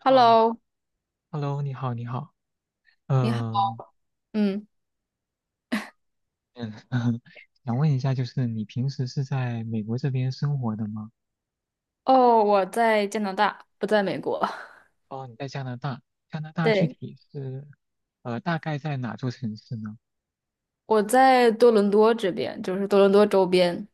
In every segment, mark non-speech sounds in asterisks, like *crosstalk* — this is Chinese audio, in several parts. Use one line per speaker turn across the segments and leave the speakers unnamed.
好
Hello，
，Hello，你好，你好，
你好。
嗯
嗯，
嗯，*laughs* 想问一下，就是你平时是在美国这边生活的吗？
哦，我在加拿大，不在美国。*laughs*
哦，你在加拿大，加拿大具
对，
体是，大概在哪座城市呢？
我在多伦多这边，就是多伦多周边。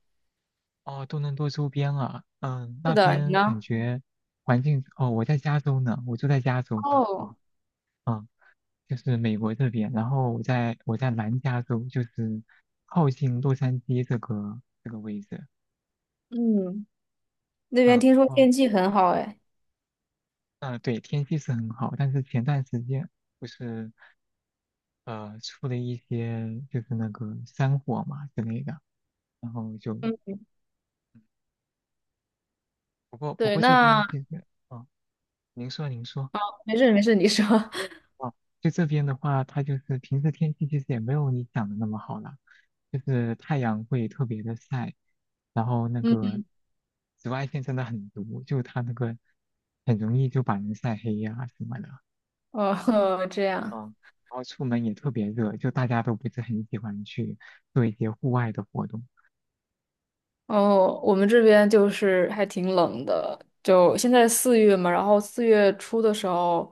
哦，多伦多周边啊，嗯，
是
那
的，你
边感
呢？
觉环境，哦，我在加州呢，我住在加州，
哦，
嗯，就是美国这边，然后我在南加州，就是靠近洛杉矶这个位置，
嗯，那边
嗯。
听说
哦
天气很好哎。
嗯，对，天气是很好，但是前段时间不是出了一些就是那个山火嘛之类的，然后就嗯
嗯，
不过不
对，
过这边
那
其实哦，您说。
没事没事，你说。*laughs*
哦，就这边的话，它就是平时天气其实也没有你想的那么好了，就是太阳会特别的晒，然后那
嗯，
个紫外线真的很毒，就它那个很容易就把人晒黑呀、什么的，
哦，*laughs* 这样。
嗯，然后出门也特别热，就大家都不是很喜欢去做一些户外的活动。
哦，我们这边就是还挺冷的，就现在四月嘛，然后四月初的时候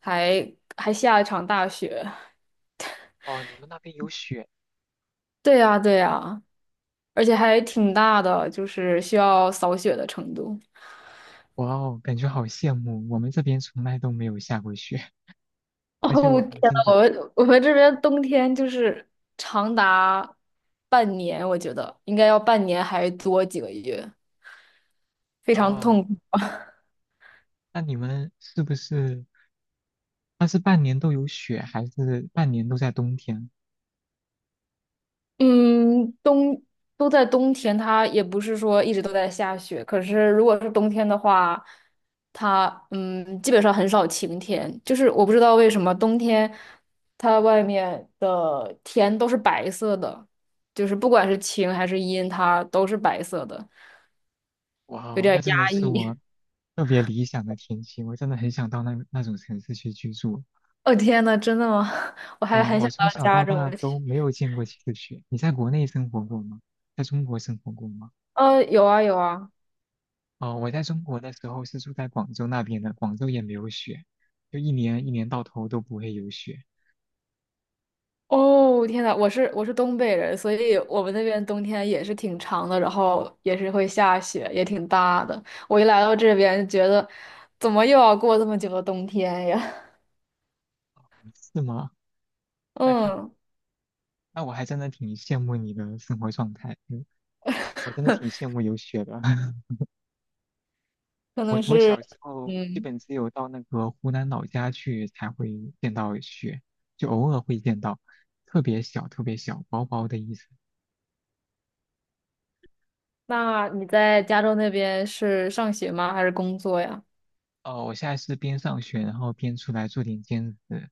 还还下一场大雪。
哦，你们那边有雪，
对呀,对呀,而且还挺大的，就是需要扫雪的程度。
哇哦，感觉好羡慕，我们这边从来都没有下过雪，*laughs*
*laughs* 哦，
而且
我
我
天
我
呐，
真的，
我们这边冬天就是长达半年，我觉得应该要半年还多几个月，非常
哦，
痛苦。
那你们是不是，那是半年都有雪，还是半年都在冬天？
嗯，都在冬天，它也不是说一直都在下雪。可是如果是冬天的话，它基本上很少晴天。就是我不知道为什么冬天它外面的天都是白色的，就是不管是晴还是阴，它都是白色的，
哇
有
哦，那
点
真的
压
是我
抑。
特别理想的天气，我真的很想到那种城市去居住。
*laughs* 哦天呐，真的吗？*laughs* 我还
嗯，
很
我
想
从
到
小
加
到
州
大
去。
都没有见过几次雪，你在国内生活过吗？在中国生活过吗？
有啊有啊。
哦，我在中国的时候是住在广州那边的，广州也没有雪，就一年一年到头都不会有雪，
哦，天呐，我是东北人，所以我们那边冬天也是挺长的，然后也是会下雪，也挺大的。我一来到这边，觉得怎么又要过这么久的冬天呀？
是吗？
*laughs*
那看，
嗯，
那我还真的挺羡慕你的生活状态，嗯，我真的挺羡慕有雪的。*laughs*
可
我
能
我
是，
小时候基
嗯，
本只有到那个湖南老家去才会见到雪，就偶尔会见到，特别小，特别小，薄薄的一层。
那你在加州那边是上学吗？还是工作呀？
哦，我现在是边上学，然后边出来做点兼职。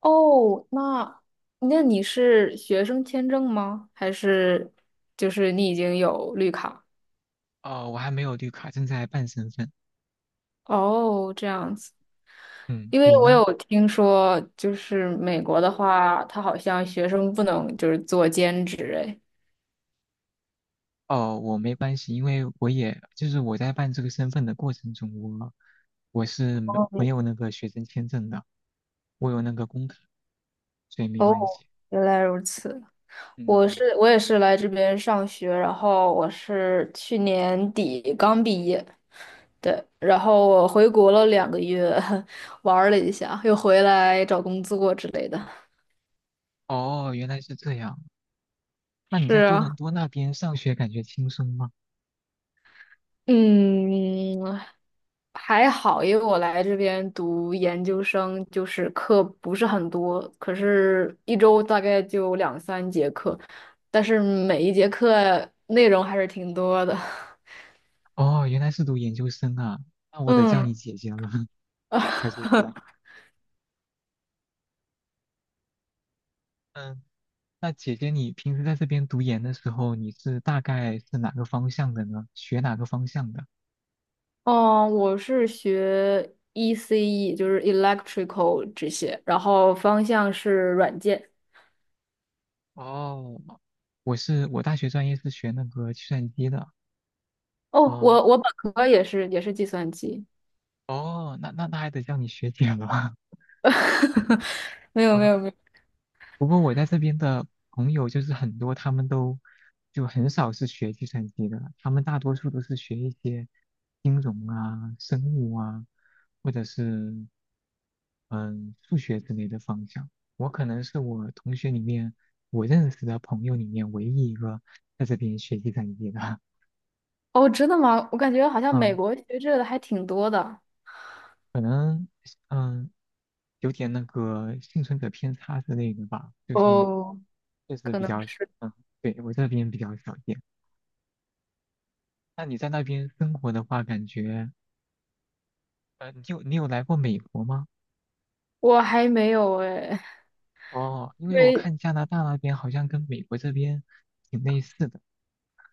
哦，那你是学生签证吗？还是就是你已经有绿卡？
哦，我还没有绿卡，正在办身份。
哦，这样子。
嗯，
因为
你
我
呢？
有听说，就是美国的话，他好像学生不能就是做兼职哎。
哦，我没关系，因为我也就是我在办这个身份的过程中，我我是没有那个学生签证的，我有那个工卡，所以没
哦，
关系。
原来如此。
嗯，嗯
我也是来这边上学，然后我是去年底刚毕业，对，然后我回国了两个月，*laughs* 玩儿了一下，又回来找工作之类的。
哦，原来是这样。那你
是
在多伦
啊，
多那边上学感觉轻松吗？
嗯，还好，因为我来这边读研究生，就是课不是很多，可是一周大概就两三节课，但是每一节课内容还是挺多的。*laughs*
哦，原来是读研究生啊，那我得叫你
嗯，
姐姐了，*laughs* 小姐
*laughs*
姐。嗯，那姐姐你平时在这边读研的时候，你是大概是哪个方向的呢？学哪个方向的？
哦，我是学 ECE,就是 electrical 这些，然后方向是软件。
哦，我是我大学专业是学那个计算机的。
哦，
哦
我本科也是计算机。
哦，那那还得叫你学姐了。*laughs*
*laughs* 没有没
啊，
有没有。
不过我在这边的朋友就是很多，他们都就很少是学计算机的，他们大多数都是学一些金融啊、生物啊，或者是嗯数学之类的方向。我可能是我同学里面我认识的朋友里面唯一一个在这边学计算机的。*laughs*
哦，真的吗？我感觉好像美
嗯，
国学这个的还挺多的。
可能嗯有点那个幸存者偏差之类的吧，就是
哦，
确实
可
比
能
较，
是，
嗯，对，我这边比较少见。那你在那边生活的话，感觉，你有来过美国吗？
我还没有哎，
哦，因为
因
我
为
看加拿大那边好像跟美国这边挺类似的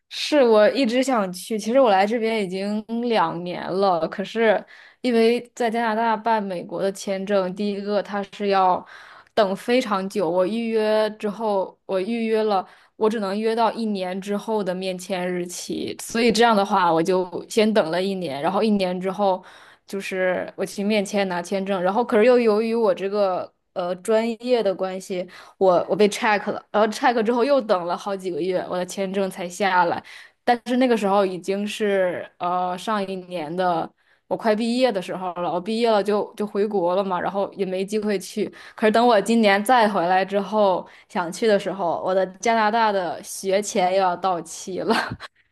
是我一直想去。其实我来这边已经两年了，可是因为在加拿大办美国的签证，第一个它是要等非常久。我预约之后，我只能约到一年之后的面签日期，所以这样的话，我就先等了一年，然后一年之后。就是我去面签拿签证，然后可是又由于我这个专业的关系，我被 check 了，然后 check 之后又等了好几个月，我的签证才下来。但是那个时候已经是上一年的我快毕业的时候了，我毕业了就回国了嘛，然后也没机会去。可是等我今年再回来之后想去的时候，我的加拿大的学签又要到期了。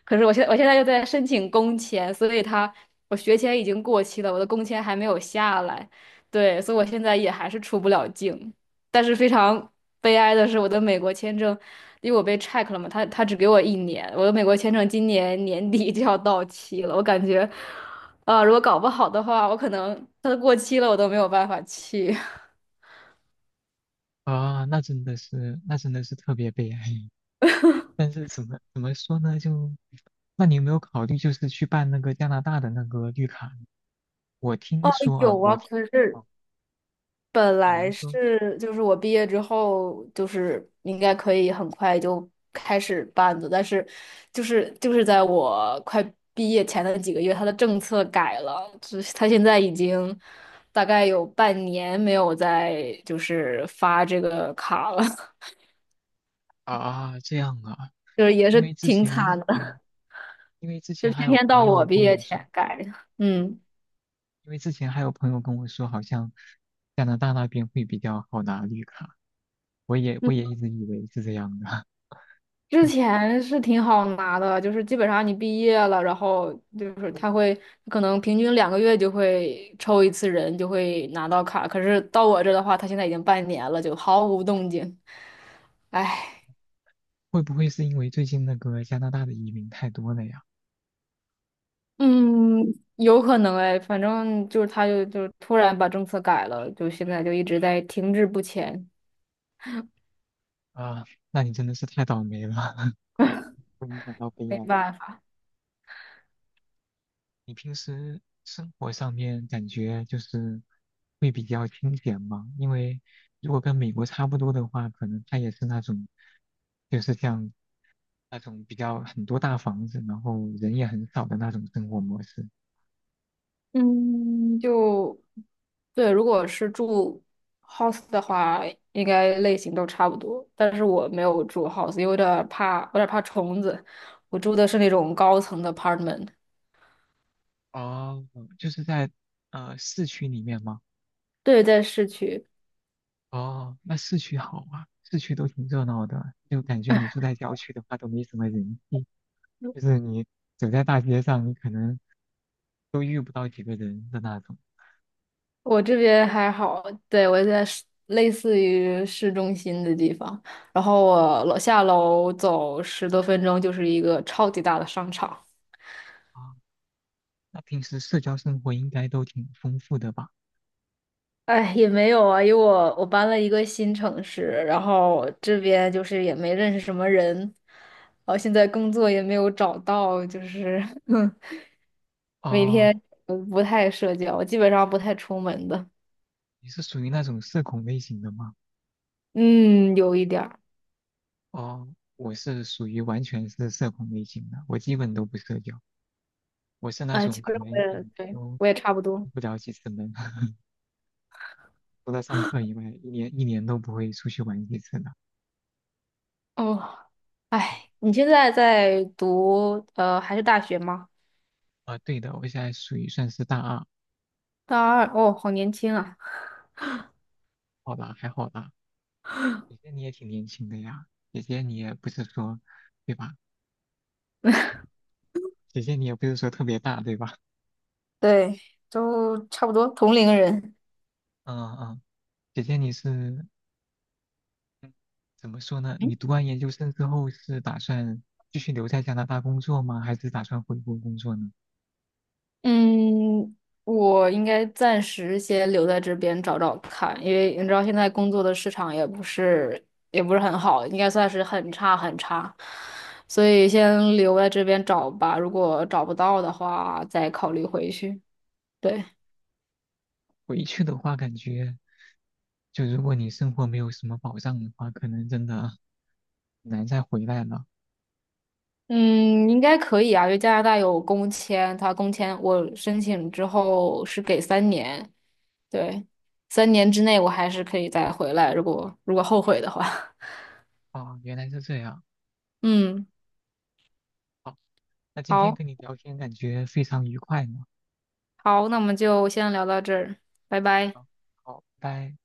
可是我现在又在申请工签，所以我学签已经过期了，我的工签还没有下来，对，所以我现在也还是出不了境。但是非常悲哀的是，我的美国签证，因为我被 check 了嘛，他只给我一年，我的美国签证今年年底就要到期了，我感觉，啊、如果搞不好的话，我可能它都过期了，我都没有办法去。*laughs*
啊，那真的是特别悲哀。*laughs* 但是怎么说呢？就，那你有没有考虑就是去办那个加拿大的那个绿卡呢？我听
哦，
说啊，
有啊，
我听，
可是
哦，
本
啊，
来
您说。
是就是我毕业之后就是应该可以很快就开始办的，但是就是在我快毕业前的几个月，他的政策改了，就是他现在已经大概有半年没有再，就是发这个卡了，*laughs*
啊，这样啊，
就是也
因
是
为之
挺惨
前，
的，
嗯，因为之
就
前还
偏
有
偏
朋
到我
友
毕
跟我
业
说，
前改的，嗯。
因为之前还有朋友跟我说，好像加拿大那边会比较好拿绿卡，我也一直以为是这样的，
之
*laughs*
前是挺好拿的，就是基本上你毕业了，然后就是他会可能平均两个月就会抽一次人，就会拿到卡。可是到我这的话，他现在已经半年了，就毫无动静。唉，
会不会是因为最近那个加拿大的移民太多了呀？
嗯，有可能哎，反正就是就突然把政策改了，就现在就一直在停滞不前，
啊，那你真的是太倒霉了，*laughs* 为你感到悲
没
哀。
办法。
你平时生活上面感觉就是会比较清闲吗？因为如果跟美国差不多的话，可能他也是那种，就是像那种比较很多大房子，然后人也很少的那种生活模式。
嗯，就对，如果是住 house 的话，应该类型都差不多。但是我没有住 house,因为有点儿怕虫子。我住的是那种高层的 apartment,
哦，就是在市区里面吗？
对，在市区。
哦，那市区好啊，市区都挺热闹的，就感觉你住在郊区的话都没什么人气，就是你走在大街上，你可能都遇不到几个人的那种。
我这边还好，对，我在类似于市中心的地方，然后我楼下楼走十多分钟就是一个超级大的商场。
啊，那平时社交生活应该都挺丰富的吧？
哎，也没有啊，因为我搬了一个新城市，然后这边就是也没认识什么人，然后现在工作也没有找到，就是 *laughs* 每
哦，
天不太社交，基本上不太出门的。
你是属于那种社恐类型的吗？
嗯，有一点儿。
哦，我是属于完全是社恐类型的，我基本都不社交。我是那
哎，
种
其实
可
我
能一
也
年
对，
都
我也差不多。
出不了几次门，*laughs* 除了上课以外，一年一年都不会出去玩几次的。
哦，哎，你现在在读还是大学吗？
啊啊对的，我现在属于算是大二，
大二，哦，好年轻啊。
好吧，还好吧。姐姐你也挺年轻的呀，姐姐你也不是说，对吧？姐姐你也不是说特别大，对吧？
对，都差不多同龄人。
嗯嗯，姐姐你是怎么说呢？你读完研究生之后是打算继续留在加拿大工作吗？还是打算回国工作呢？
嗯，我应该暂时先留在这边找找看，因为你知道现在工作的市场也不是很好，应该算是很差很差，所以先留在这边找吧。如果找不到的话，再考虑回去。对，
回去的话，感觉。就如果你生活没有什么保障的话，可能真的很难再回来了。
嗯，应该可以啊，因为加拿大有工签，他工签我申请之后是给三年，对，三年之内我还是可以再回来，如果后悔的话，
哦，原来是这样。
*laughs* 嗯，
好，那今天
好。
跟你聊天感觉非常愉快呢。
好，那我们就先聊到这儿，拜拜。
啊好，拜拜。